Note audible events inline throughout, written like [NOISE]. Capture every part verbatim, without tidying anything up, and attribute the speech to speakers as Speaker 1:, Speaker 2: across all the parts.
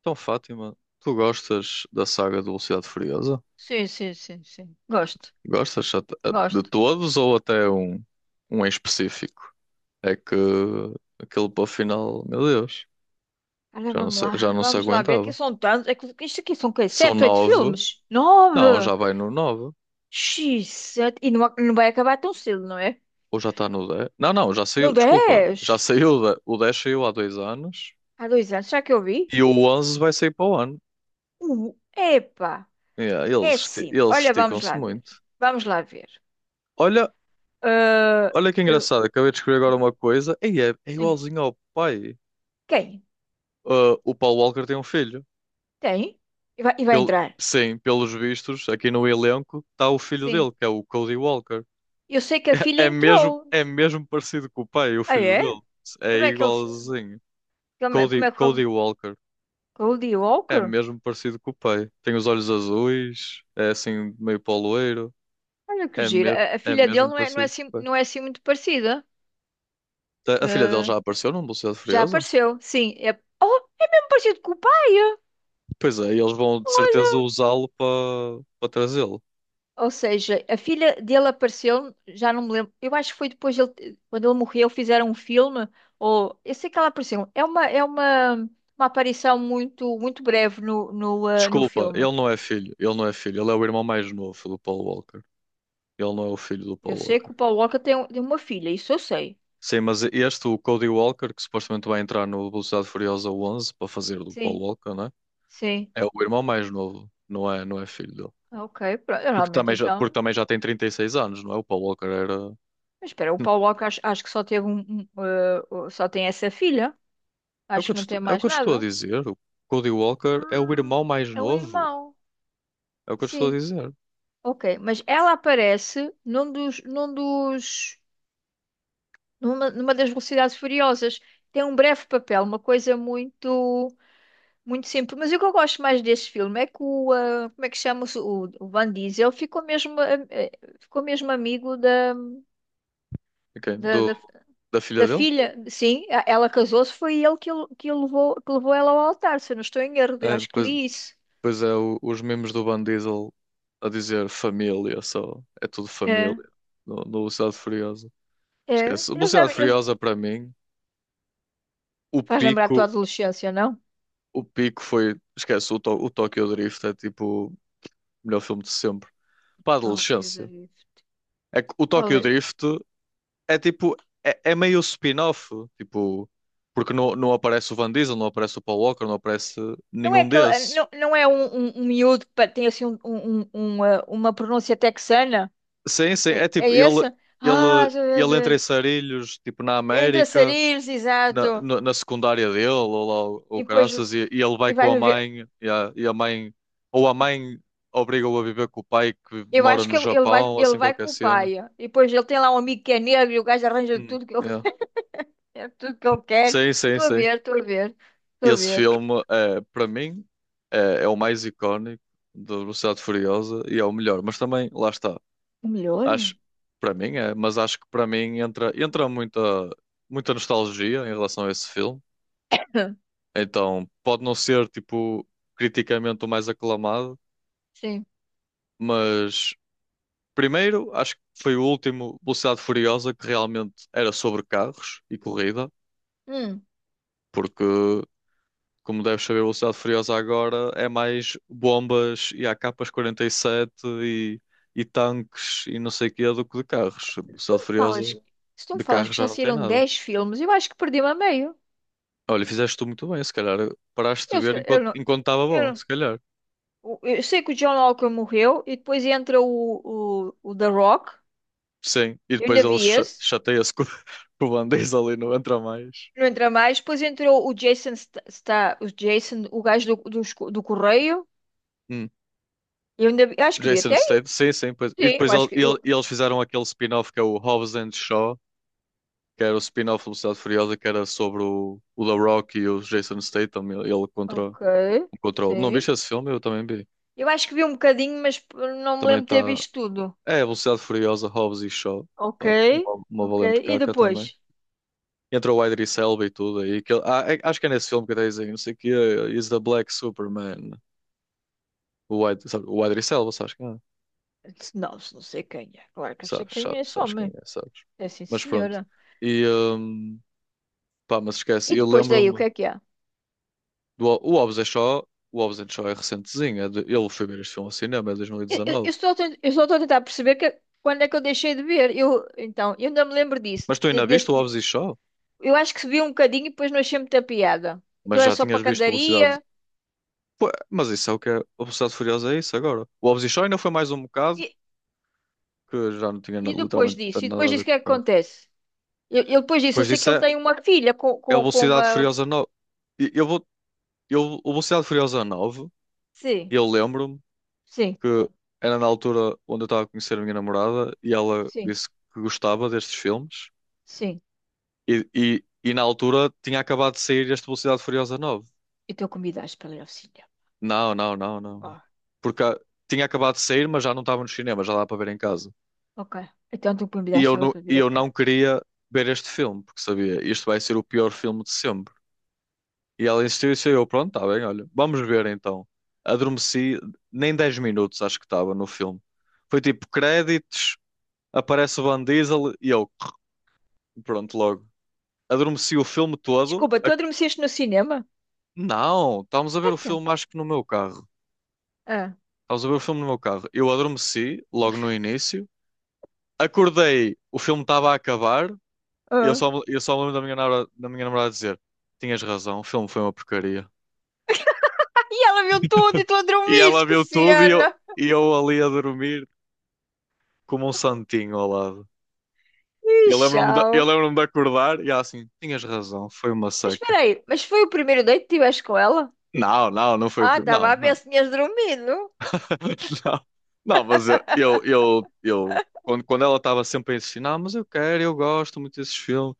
Speaker 1: Então, Fátima, tu gostas da saga de Velocidade Furiosa?
Speaker 2: Sim, sim, sim, sim. Gosto,
Speaker 1: Gostas at- a- de
Speaker 2: gosto.
Speaker 1: todos ou até um, um em específico? É que aquele para o final, meu Deus,
Speaker 2: Olha,
Speaker 1: já não
Speaker 2: vamos
Speaker 1: se, já
Speaker 2: lá,
Speaker 1: não se
Speaker 2: vamos lá ver. Aqui
Speaker 1: aguentava.
Speaker 2: são tantos. É que isto aqui são o quê?
Speaker 1: São
Speaker 2: Sete, oito
Speaker 1: nove,
Speaker 2: filmes?
Speaker 1: não,
Speaker 2: Nove!
Speaker 1: já vai no nove,
Speaker 2: xis, sete. E não, não vai acabar tão cedo, não é?
Speaker 1: ou já está no dez. Não, não, já
Speaker 2: No
Speaker 1: saiu, desculpa, já
Speaker 2: dez!
Speaker 1: saiu, o de- o dez saiu há dois anos
Speaker 2: Há dois anos, será que eu vi?
Speaker 1: e o onze vai sair para o ano.
Speaker 2: Uh, epa!
Speaker 1: Yeah,
Speaker 2: É
Speaker 1: eles, esti-
Speaker 2: sim.
Speaker 1: eles
Speaker 2: Olha, vamos
Speaker 1: esticam-se
Speaker 2: lá ver.
Speaker 1: muito.
Speaker 2: Vamos lá ver.
Speaker 1: Olha,
Speaker 2: Ah,
Speaker 1: olha que
Speaker 2: eu-
Speaker 1: engraçado, acabei de escrever agora uma coisa, e é, é
Speaker 2: sim.
Speaker 1: igualzinho ao pai.
Speaker 2: Quem?
Speaker 1: Uh, o Paul Walker tem um filho.
Speaker 2: Tem? E vai, e vai
Speaker 1: Pel-
Speaker 2: entrar?
Speaker 1: sim, pelos vistos, aqui no elenco está o filho
Speaker 2: Sim.
Speaker 1: dele, que é o Cody Walker.
Speaker 2: Eu sei que a
Speaker 1: [LAUGHS]
Speaker 2: filha
Speaker 1: É mesmo,
Speaker 2: entrou.
Speaker 1: é mesmo parecido com o pai, o
Speaker 2: Ah,
Speaker 1: filho
Speaker 2: é?
Speaker 1: dele. É
Speaker 2: Como é que ele. se-
Speaker 1: igualzinho.
Speaker 2: Como é, como
Speaker 1: Cody,
Speaker 2: é que.
Speaker 1: Cody Walker.
Speaker 2: Goldie
Speaker 1: É
Speaker 2: Walker?
Speaker 1: mesmo parecido com o pai. Tem os olhos azuis, é assim meio poloeiro.
Speaker 2: Olha que
Speaker 1: É,
Speaker 2: giro.
Speaker 1: me,
Speaker 2: A, a
Speaker 1: é
Speaker 2: filha dele
Speaker 1: mesmo
Speaker 2: não é, não é
Speaker 1: parecido
Speaker 2: assim,
Speaker 1: com o pai.
Speaker 2: não é assim muito parecida.
Speaker 1: Tá, a filha dele
Speaker 2: Ah,
Speaker 1: já apareceu num Velocidade
Speaker 2: já
Speaker 1: Furiosa?
Speaker 2: apareceu, sim. É, oh, é mesmo parecido com o pai.
Speaker 1: Pois é, e eles vão de certeza
Speaker 2: Olha.
Speaker 1: usá-lo para para trazê-lo.
Speaker 2: Ou seja, a filha dele apareceu, já não me lembro. Eu acho que foi depois dele, quando ele morreu, fizeram um filme. Ou eu sei que ela apareceu. É uma, é uma, uma aparição muito, muito breve no, no, ah, no
Speaker 1: Desculpa,
Speaker 2: filme.
Speaker 1: ele não é filho. Ele não é filho. Ele é o irmão mais novo do Paul Walker. Ele não é o filho do
Speaker 2: Eu
Speaker 1: Paul
Speaker 2: sei que
Speaker 1: Walker.
Speaker 2: o Paul Walker tem, um- tem uma filha, isso eu sei.
Speaker 1: Sim, mas este, o Cody Walker, que supostamente vai entrar no Velocidade Furiosa onze para fazer do Paul
Speaker 2: Sim,
Speaker 1: Walker, né?
Speaker 2: sim.
Speaker 1: É o irmão mais novo. Não é, não é filho dele.
Speaker 2: Ok, pronto.
Speaker 1: Porque
Speaker 2: Realmente,
Speaker 1: também já, porque
Speaker 2: então.
Speaker 1: também já tem trinta e seis anos, não é? O Paul Walker era.
Speaker 2: Mas espera, o Paulo
Speaker 1: [LAUGHS]
Speaker 2: Walker acho, acho que só teve um, um, eh, o- só tem essa filha.
Speaker 1: É o que
Speaker 2: Acho
Speaker 1: eu
Speaker 2: que
Speaker 1: te
Speaker 2: não tem
Speaker 1: estou, é o
Speaker 2: mais
Speaker 1: que eu te estou a
Speaker 2: nada.
Speaker 1: dizer. O Cody Walker é o
Speaker 2: Ah,
Speaker 1: irmão mais
Speaker 2: é o
Speaker 1: novo.
Speaker 2: irmão.
Speaker 1: É o que eu te estou a
Speaker 2: Sim.
Speaker 1: dizer.
Speaker 2: Ok, mas ela aparece num dos, num dos, numa, numa das Velocidades Furiosas. Tem um breve papel, uma coisa muito, muito simples. Mas o que eu gosto mais desse filme é que o, eh, como é que chama-se? O, o Van Diesel ficou mesmo, eh, eh, ficou mesmo amigo da,
Speaker 1: Ok.
Speaker 2: da,
Speaker 1: Do,
Speaker 2: da.
Speaker 1: da filha
Speaker 2: Da
Speaker 1: dele?
Speaker 2: filha, sim, a- ela casou-se, foi ele que, o- que, o levou, que levou ela ao altar, se eu não estou em erro, eu
Speaker 1: É,
Speaker 2: acho que
Speaker 1: depois,
Speaker 2: li isso.
Speaker 1: pois é, o- os memes do Van Diesel a dizer família só. É tudo família.
Speaker 2: É,
Speaker 1: No, no Velocidade Furiosa.
Speaker 2: é.
Speaker 1: Esquece.
Speaker 2: Eles
Speaker 1: Velocidade
Speaker 2: devem, eles...
Speaker 1: Furiosa para mim, o
Speaker 2: Faz lembrar a tua
Speaker 1: pico,
Speaker 2: adolescência, não?
Speaker 1: o pico foi. Esquece, o, To- o Tokyo Drift é tipo o melhor filme de sempre. Para a
Speaker 2: Tóquio da
Speaker 1: adolescência.
Speaker 2: Drift.
Speaker 1: É que o
Speaker 2: Qual
Speaker 1: Tokyo
Speaker 2: é?
Speaker 1: Drift é tipo. É, é meio spin-off. Tipo. Porque não, não aparece o Van Diesel, não aparece o Paul Walker, não aparece
Speaker 2: Não é,
Speaker 1: nenhum
Speaker 2: aquele, eh,
Speaker 1: desses.
Speaker 2: não, não é um, um, um miúdo que pa- tem assim um, um, um- uma, uma pronúncia texana?
Speaker 1: Sim, sim. É
Speaker 2: É, é
Speaker 1: tipo. Ele,
Speaker 2: esse? Ah,
Speaker 1: ele,
Speaker 2: já-
Speaker 1: ele
Speaker 2: já-
Speaker 1: entra
Speaker 2: já.
Speaker 1: em Sarilhos, tipo na
Speaker 2: É entre
Speaker 1: América,
Speaker 2: sarilhos,
Speaker 1: na,
Speaker 2: exato.
Speaker 1: na, na secundária dele ou lá
Speaker 2: E
Speaker 1: ou
Speaker 2: depois
Speaker 1: caraças, e, e ele vai
Speaker 2: e
Speaker 1: com
Speaker 2: vai
Speaker 1: a
Speaker 2: viver.
Speaker 1: mãe e a, e a mãe ou a mãe obriga-o a viver com o pai que
Speaker 2: Eu
Speaker 1: mora
Speaker 2: acho
Speaker 1: no
Speaker 2: que ele vai,
Speaker 1: Japão,
Speaker 2: ele
Speaker 1: assim
Speaker 2: vai
Speaker 1: qualquer
Speaker 2: com o
Speaker 1: cena.
Speaker 2: pai. E depois ele tem lá um amigo que é negro e o gajo arranja
Speaker 1: Hum.
Speaker 2: tudo.
Speaker 1: Yeah.
Speaker 2: É tudo que eu quero.
Speaker 1: Sim, sim,
Speaker 2: Estou a
Speaker 1: sim,
Speaker 2: ver, estou a ver, estou a
Speaker 1: esse
Speaker 2: ver.
Speaker 1: filme é para mim é, é o mais icónico da Velocidade Furiosa e é o melhor, mas também, lá está,
Speaker 2: Melhor?
Speaker 1: acho, para mim é. Mas acho que para mim entra entra muita muita nostalgia em relação a esse filme,
Speaker 2: [LAUGHS]
Speaker 1: então pode não ser tipo criticamente o mais aclamado.
Speaker 2: Sim.
Speaker 1: Mas primeiro, acho que foi o último Velocidade Furiosa que realmente era sobre carros e corrida,
Speaker 2: Hum,
Speaker 1: porque, como deves saber, Velocidade Furiosa agora é mais bombas e A Ks quarenta e, sete e e tanques e não sei o quê do que de carros.
Speaker 2: se tu
Speaker 1: Velocidade
Speaker 2: me falas,
Speaker 1: Furiosa
Speaker 2: se tu me
Speaker 1: de
Speaker 2: falas
Speaker 1: carros
Speaker 2: que
Speaker 1: já
Speaker 2: já
Speaker 1: não tem
Speaker 2: saíram
Speaker 1: nada.
Speaker 2: dez filmes, eu acho que perdi-me a meio.
Speaker 1: Olha, fizeste tu muito bem, se calhar paraste de
Speaker 2: Eu, se
Speaker 1: ver
Speaker 2: calhar- eu
Speaker 1: enquanto
Speaker 2: não,
Speaker 1: enquanto estava
Speaker 2: eu
Speaker 1: bom,
Speaker 2: não-
Speaker 1: se calhar.
Speaker 2: o- eu sei que o John Walker morreu e depois entra o, o, o The Rock.
Speaker 1: Sim, e
Speaker 2: Eu
Speaker 1: depois
Speaker 2: ainda
Speaker 1: ele
Speaker 2: vi
Speaker 1: cha-
Speaker 2: esse.
Speaker 1: chateia-se com, [LAUGHS] com o Van Diesel e não entra mais.
Speaker 2: Não entra mais. Depois entrou o Jason, está o Jason, o gajo do, dos co- do correio. Eu ainda vi- acho que vi
Speaker 1: Jason
Speaker 2: até aí.
Speaker 1: Statham, sim, sim. Pois. E
Speaker 2: Sim, eu
Speaker 1: depois ele-
Speaker 2: acho que
Speaker 1: ele-
Speaker 2: eu.
Speaker 1: eles fizeram aquele spin-off que é o Hobbs and Shaw, que era o spin-off do Velocidade Furiosa, que era sobre o, o The Rock e o Jason Statham, ele, ele contra,
Speaker 2: Ok,
Speaker 1: contra o... Não
Speaker 2: sim.
Speaker 1: viste esse filme? Eu também vi.
Speaker 2: Eu acho que vi um bocadinho, mas não me
Speaker 1: Também
Speaker 2: lembro de ter
Speaker 1: está...
Speaker 2: visto tudo.
Speaker 1: É, Velocidade Furiosa, Hobbs e Shaw.
Speaker 2: Ok,
Speaker 1: Pá, uma, uma
Speaker 2: ok.
Speaker 1: valente
Speaker 2: E
Speaker 1: caca também.
Speaker 2: depois?
Speaker 1: Entra o Idris Elba e tudo aí. Que ele- ah, é- acho que é nesse filme que está a não sei o quê, is the Black Superman. O, Id- sabe, o Idris Elba, sabes quem é?
Speaker 2: Não, se não sei quem é. Claro que eu sei
Speaker 1: Sabes,
Speaker 2: quem é
Speaker 1: sabes,
Speaker 2: só
Speaker 1: sabes quem
Speaker 2: mãe.
Speaker 1: é, sabes.
Speaker 2: É sim,
Speaker 1: Mas pronto.
Speaker 2: senhora.
Speaker 1: E... hum, Pá, mas
Speaker 2: E
Speaker 1: esquece, eu
Speaker 2: depois daí, o que
Speaker 1: lembro-me
Speaker 2: é que há?
Speaker 1: do O o Hobbs and Shaw, o Hobbs and Shaw é recentezinho, é de- eu fui ver este filme ao cinema, é de
Speaker 2: Eu, eu-
Speaker 1: dois mil e dezanove.
Speaker 2: eu só estou, eu só estou a tentar perceber que- quando é que eu deixei de ver. Eu, então, eu ainda me lembro disso.
Speaker 1: Mas tu
Speaker 2: De-
Speaker 1: ainda viste o
Speaker 2: desse-
Speaker 1: Hobbs e Shaw?
Speaker 2: eu acho que vi um bocadinho e depois não achei muita piada.
Speaker 1: Mas
Speaker 2: Aquilo era
Speaker 1: já
Speaker 2: só para
Speaker 1: tinhas visto Velocidade.
Speaker 2: candaria.
Speaker 1: Pô, mas isso é o que é. A Velocidade Furiosa é isso agora. O Hobbs e Shaw ainda foi mais um bocado,
Speaker 2: E,
Speaker 1: que já não tinha na-
Speaker 2: e depois
Speaker 1: literalmente
Speaker 2: disso? E
Speaker 1: nada
Speaker 2: depois
Speaker 1: a ver
Speaker 2: disso, o que é que
Speaker 1: com o carro.
Speaker 2: acontece? Eu, eu depois disso, eu
Speaker 1: Depois
Speaker 2: sei que
Speaker 1: disso
Speaker 2: ele
Speaker 1: é,
Speaker 2: tem uma filha com,
Speaker 1: é o
Speaker 2: com, com
Speaker 1: Velocidade
Speaker 2: uma...
Speaker 1: Furiosa nove. E Eu vou, eu, o Velocidade Furiosa nove,
Speaker 2: Sim,
Speaker 1: eu lembro-me
Speaker 2: sim.
Speaker 1: que era na altura onde eu estava a conhecer a minha namorada e ela
Speaker 2: Sim.
Speaker 1: disse que gostava destes filmes.
Speaker 2: Sim,
Speaker 1: E, e, e na altura tinha acabado de sair este Velocidade Furiosa nove.
Speaker 2: e então convidaste para ir ao cinema.
Speaker 1: Não, não, não, não.
Speaker 2: Oh,
Speaker 1: Porque ah, tinha acabado de sair, mas já não estava no cinema, já dá para ver em casa.
Speaker 2: ok. Então tu
Speaker 1: E eu
Speaker 2: convidaste ela
Speaker 1: não,
Speaker 2: para vir
Speaker 1: e
Speaker 2: a
Speaker 1: eu não
Speaker 2: casa.
Speaker 1: queria ver este filme, porque sabia, isto vai ser o pior filme de sempre. E ela insistiu e disse: Eu, pronto, está bem, olha, vamos ver então. Adormeci, nem dez minutos acho que estava no filme. Foi tipo créditos, aparece o Van Diesel e eu, [TSK] pronto, logo. Adormeci o filme todo.
Speaker 2: Desculpa, tu
Speaker 1: A-
Speaker 2: adormeceste no cinema?
Speaker 1: Não, estávamos a ver o
Speaker 2: Então.
Speaker 1: filme acho que no meu carro.
Speaker 2: Ah,
Speaker 1: Estavas a ver o filme no meu carro. Eu adormeci logo no início. Acordei, o filme estava a acabar. E eu
Speaker 2: ah.
Speaker 1: só, eu só me lembro da minha, namora- da minha namorada dizer: Tinhas razão, o filme foi uma porcaria.
Speaker 2: E ela viu tudo e tu a
Speaker 1: E
Speaker 2: dormir,
Speaker 1: ela
Speaker 2: que
Speaker 1: viu tudo e eu,
Speaker 2: cena!
Speaker 1: e eu ali a dormir como um santinho ao lado.
Speaker 2: Ih,
Speaker 1: Eu lembro-me de,
Speaker 2: tchau.
Speaker 1: eu lembro-me de acordar e ela assim: Tinhas razão, foi uma
Speaker 2: Mas
Speaker 1: seca.
Speaker 2: espera aí, mas foi o primeiro date que tiveste com ela?
Speaker 1: Não, não, não foi o
Speaker 2: Ah,
Speaker 1: primeiro. Não,
Speaker 2: estava a ver
Speaker 1: não.
Speaker 2: se tinhas dormido.
Speaker 1: [LAUGHS] Não, não, mas eu, eu, eu, eu- quando, quando ela estava sempre a insistir, não, mas eu quero, eu gosto muito desses filmes.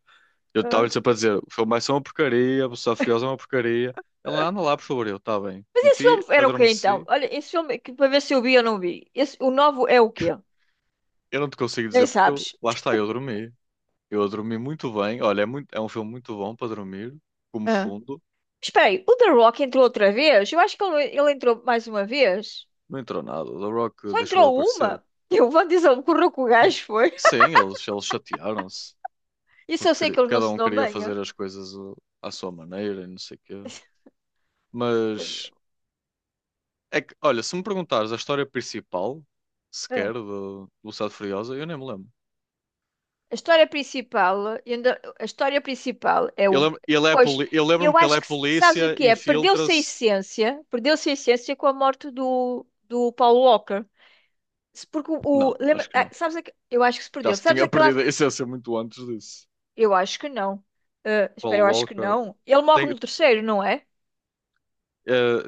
Speaker 1: Eu
Speaker 2: Ah.
Speaker 1: estava-lhe sempre a dizer: O filme vai uma porcaria, a Velocidade Furiosa é uma porcaria. Ela, anda lá, por favor, eu, está bem.
Speaker 2: Mas esse
Speaker 1: Meti,
Speaker 2: filme era o quê então?
Speaker 1: adormeci.
Speaker 2: Olha, esse filme, é que, para ver se eu vi ou não vi. Esse, o novo é o quê?
Speaker 1: Eu não te consigo dizer
Speaker 2: Nem
Speaker 1: porque eu,
Speaker 2: sabes.
Speaker 1: lá está, eu dormi. Eu dormi muito bem. Olha, é, muito, é um filme muito bom para dormir, como
Speaker 2: Ah.
Speaker 1: fundo.
Speaker 2: Espera aí, o The Rock entrou outra vez? Eu acho que ele, ele entrou mais uma vez.
Speaker 1: Não entrou nada. The Rock
Speaker 2: Só
Speaker 1: deixou de
Speaker 2: entrou
Speaker 1: aparecer.
Speaker 2: uma? [LAUGHS] E o Vandizão o que o gajo, foi.
Speaker 1: Sim, eles, eles chatearam-se,
Speaker 2: Isso
Speaker 1: porque
Speaker 2: eu sei que
Speaker 1: queri-
Speaker 2: ele não
Speaker 1: cada
Speaker 2: se
Speaker 1: um
Speaker 2: dão
Speaker 1: queria
Speaker 2: bem, é?
Speaker 1: fazer as coisas uh, à sua maneira e não sei o quê. Mas, é que, olha, se me perguntares a história principal,
Speaker 2: É.
Speaker 1: sequer, de Velocidade Furiosa, eu nem me lembro.
Speaker 2: A história principal, ainda- a história principal é o.
Speaker 1: Ele, é- ele é
Speaker 2: Pois,
Speaker 1: poli... Eu lembro-me
Speaker 2: eu
Speaker 1: que ele é
Speaker 2: acho que sabes o
Speaker 1: polícia,
Speaker 2: que é? Perdeu-se a
Speaker 1: infiltra-se.
Speaker 2: essência, perdeu-se a essência com a morte do, do Paul Walker. Se- Porque o. o-
Speaker 1: Não, acho
Speaker 2: lembra-
Speaker 1: que
Speaker 2: ah,
Speaker 1: não.
Speaker 2: sabes aque- eu acho que se
Speaker 1: Já
Speaker 2: perdeu.
Speaker 1: se
Speaker 2: Sabes
Speaker 1: tinha
Speaker 2: aquele
Speaker 1: perdido a
Speaker 2: ato?
Speaker 1: essência muito antes disso.
Speaker 2: Eu acho que não. Ah, espera,
Speaker 1: Paul
Speaker 2: eu acho que
Speaker 1: Walker.
Speaker 2: não. Ele morre
Speaker 1: Tem,
Speaker 2: no terceiro, não é?
Speaker 1: eh,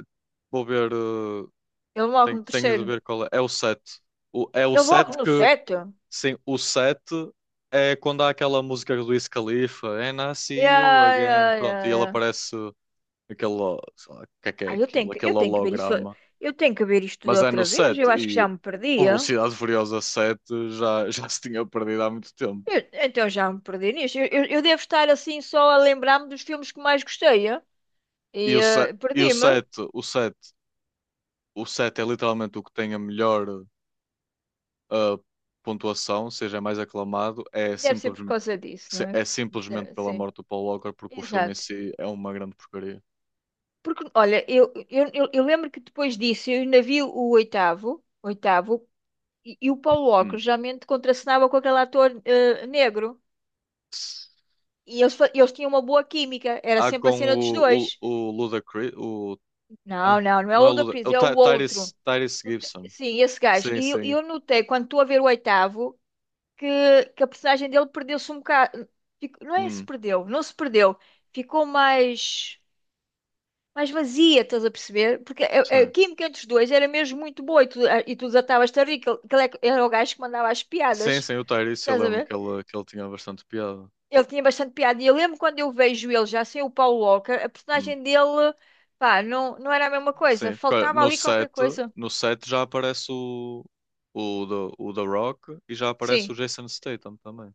Speaker 1: vou ver. eh,
Speaker 2: Ele morre
Speaker 1: tenho,
Speaker 2: no
Speaker 1: tenho de
Speaker 2: terceiro.
Speaker 1: ver qual é. É o sete. O, é o
Speaker 2: Ele morre
Speaker 1: sete
Speaker 2: no
Speaker 1: que.
Speaker 2: sete. Yeah,
Speaker 1: Sim, o sete é quando há aquela música do Wiz Khalifa. And I see you
Speaker 2: yeah,
Speaker 1: again.
Speaker 2: yeah,
Speaker 1: Pronto, e ele
Speaker 2: yeah.
Speaker 1: aparece aquele. O que é que é
Speaker 2: Ah, eu tenho
Speaker 1: aquilo?
Speaker 2: que,
Speaker 1: Aquele
Speaker 2: eu tenho que ver isso.
Speaker 1: holograma.
Speaker 2: Eu tenho que ver isto tudo
Speaker 1: Mas é no
Speaker 2: outra vez.
Speaker 1: sete.
Speaker 2: Eu acho que
Speaker 1: E
Speaker 2: já me
Speaker 1: o
Speaker 2: perdia.
Speaker 1: Velocidade Furiosa sete já, [LAUGHS] já se tinha perdido há muito tempo.
Speaker 2: Eu- então já me perdi nisto. Eu, eu- eu devo estar assim só a lembrar-me dos filmes que mais gostei, eh?
Speaker 1: E
Speaker 2: E
Speaker 1: o
Speaker 2: eh,
Speaker 1: sete, e o
Speaker 2: perdi-me.
Speaker 1: sete, o sete, o sete é literalmente o que tem a melhor ah, pontuação, ou seja é mais aclamado, é,
Speaker 2: Deve ser
Speaker 1: simples,
Speaker 2: por causa disso, não
Speaker 1: se-
Speaker 2: é?
Speaker 1: é simplesmente
Speaker 2: De-
Speaker 1: pela
Speaker 2: Sim,
Speaker 1: morte do Paul Walker, porque o filme em
Speaker 2: exato.
Speaker 1: si é uma grande porcaria.
Speaker 2: Porque, olha, eu, eu, eu, eu lembro que depois disso eu ainda vi o oitavo, oitavo, e, e o Paulo Walker
Speaker 1: Hum.
Speaker 2: geralmente contracenava com aquele ator eh, negro. E eles, fa- eles tinham uma boa química. Era
Speaker 1: Há
Speaker 2: sempre a
Speaker 1: com
Speaker 2: cena dos
Speaker 1: o, o,
Speaker 2: dois.
Speaker 1: o Ludacris. o,
Speaker 2: Não,
Speaker 1: ah,
Speaker 2: não, não é o
Speaker 1: não é Luda, é
Speaker 2: Ludacris,
Speaker 1: o
Speaker 2: é o
Speaker 1: Ty-
Speaker 2: outro.
Speaker 1: Tyrese, Tyrese, Gibson.
Speaker 2: Sim, esse gajo.
Speaker 1: Sim,
Speaker 2: E eu e
Speaker 1: sim.
Speaker 2: eu notei, quando estou a ver o oitavo, que, que a personagem dele perdeu-se um bocado. Fico- Não é se
Speaker 1: Hum,
Speaker 2: perdeu, não se perdeu. Ficou mais, mais vazia, estás a perceber? Porque a, a
Speaker 1: sim.
Speaker 2: química entre os dois era mesmo muito boa e tu, e tu desatavas-te a rir, que ele que ele é que era o gajo que mandava as
Speaker 1: Sim,
Speaker 2: piadas,
Speaker 1: sim, o Tyrese, eu
Speaker 2: estás a
Speaker 1: lembro
Speaker 2: ver?
Speaker 1: que ele, que ele tinha bastante piada.
Speaker 2: Ele tinha bastante piada. E eu lembro quando eu vejo ele já sem o Paul Walker, a
Speaker 1: Hum.
Speaker 2: personagem dele, pá, não, não era a mesma coisa.
Speaker 1: Sim, porque
Speaker 2: Faltava
Speaker 1: no
Speaker 2: ali qualquer
Speaker 1: set
Speaker 2: coisa.
Speaker 1: no set já aparece o, o, The, o The Rock e já aparece o
Speaker 2: Sim.
Speaker 1: Jason Statham também.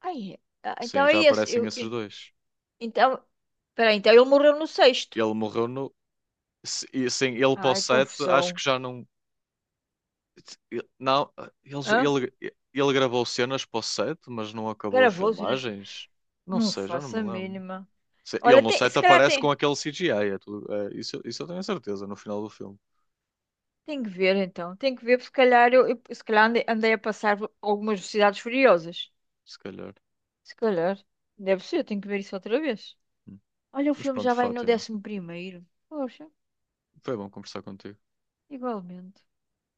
Speaker 2: Ai, ah, então
Speaker 1: Sim,
Speaker 2: é
Speaker 1: já
Speaker 2: isso.
Speaker 1: aparecem
Speaker 2: Eu,
Speaker 1: esses
Speaker 2: eu-
Speaker 1: dois.
Speaker 2: então, peraí, então ele morreu no sexto.
Speaker 1: Ele morreu no. se- e, Sim, ele para o
Speaker 2: Ai,
Speaker 1: sete, acho
Speaker 2: confusão.
Speaker 1: que já não. ele- Não, ele,
Speaker 2: Hã?
Speaker 1: ele, ele gravou cenas para o sete, mas não acabou as
Speaker 2: Gravou-se nas...
Speaker 1: filmagens. Não
Speaker 2: Não
Speaker 1: sei, já não
Speaker 2: faço
Speaker 1: me
Speaker 2: a
Speaker 1: lembro.
Speaker 2: mínima.
Speaker 1: Se- Ele
Speaker 2: Olha,
Speaker 1: no
Speaker 2: tem-
Speaker 1: set
Speaker 2: se calhar
Speaker 1: aparece com
Speaker 2: tem,
Speaker 1: aquele C G I. É tudo, é, isso, isso eu tenho a certeza, no final do filme,
Speaker 2: tem que ver então. Tem que ver, porque se calhar eu, eu- se calhar andei, andei a passar algumas velocidades furiosas.
Speaker 1: se calhar.
Speaker 2: Se calhar. Deve ser, tenho que ver isso outra vez.
Speaker 1: Hum.
Speaker 2: Olha, o
Speaker 1: Mas
Speaker 2: filme
Speaker 1: pronto,
Speaker 2: já vai no
Speaker 1: Fátima,
Speaker 2: décimo primeiro. Poxa,
Speaker 1: foi bom conversar contigo.
Speaker 2: igualmente.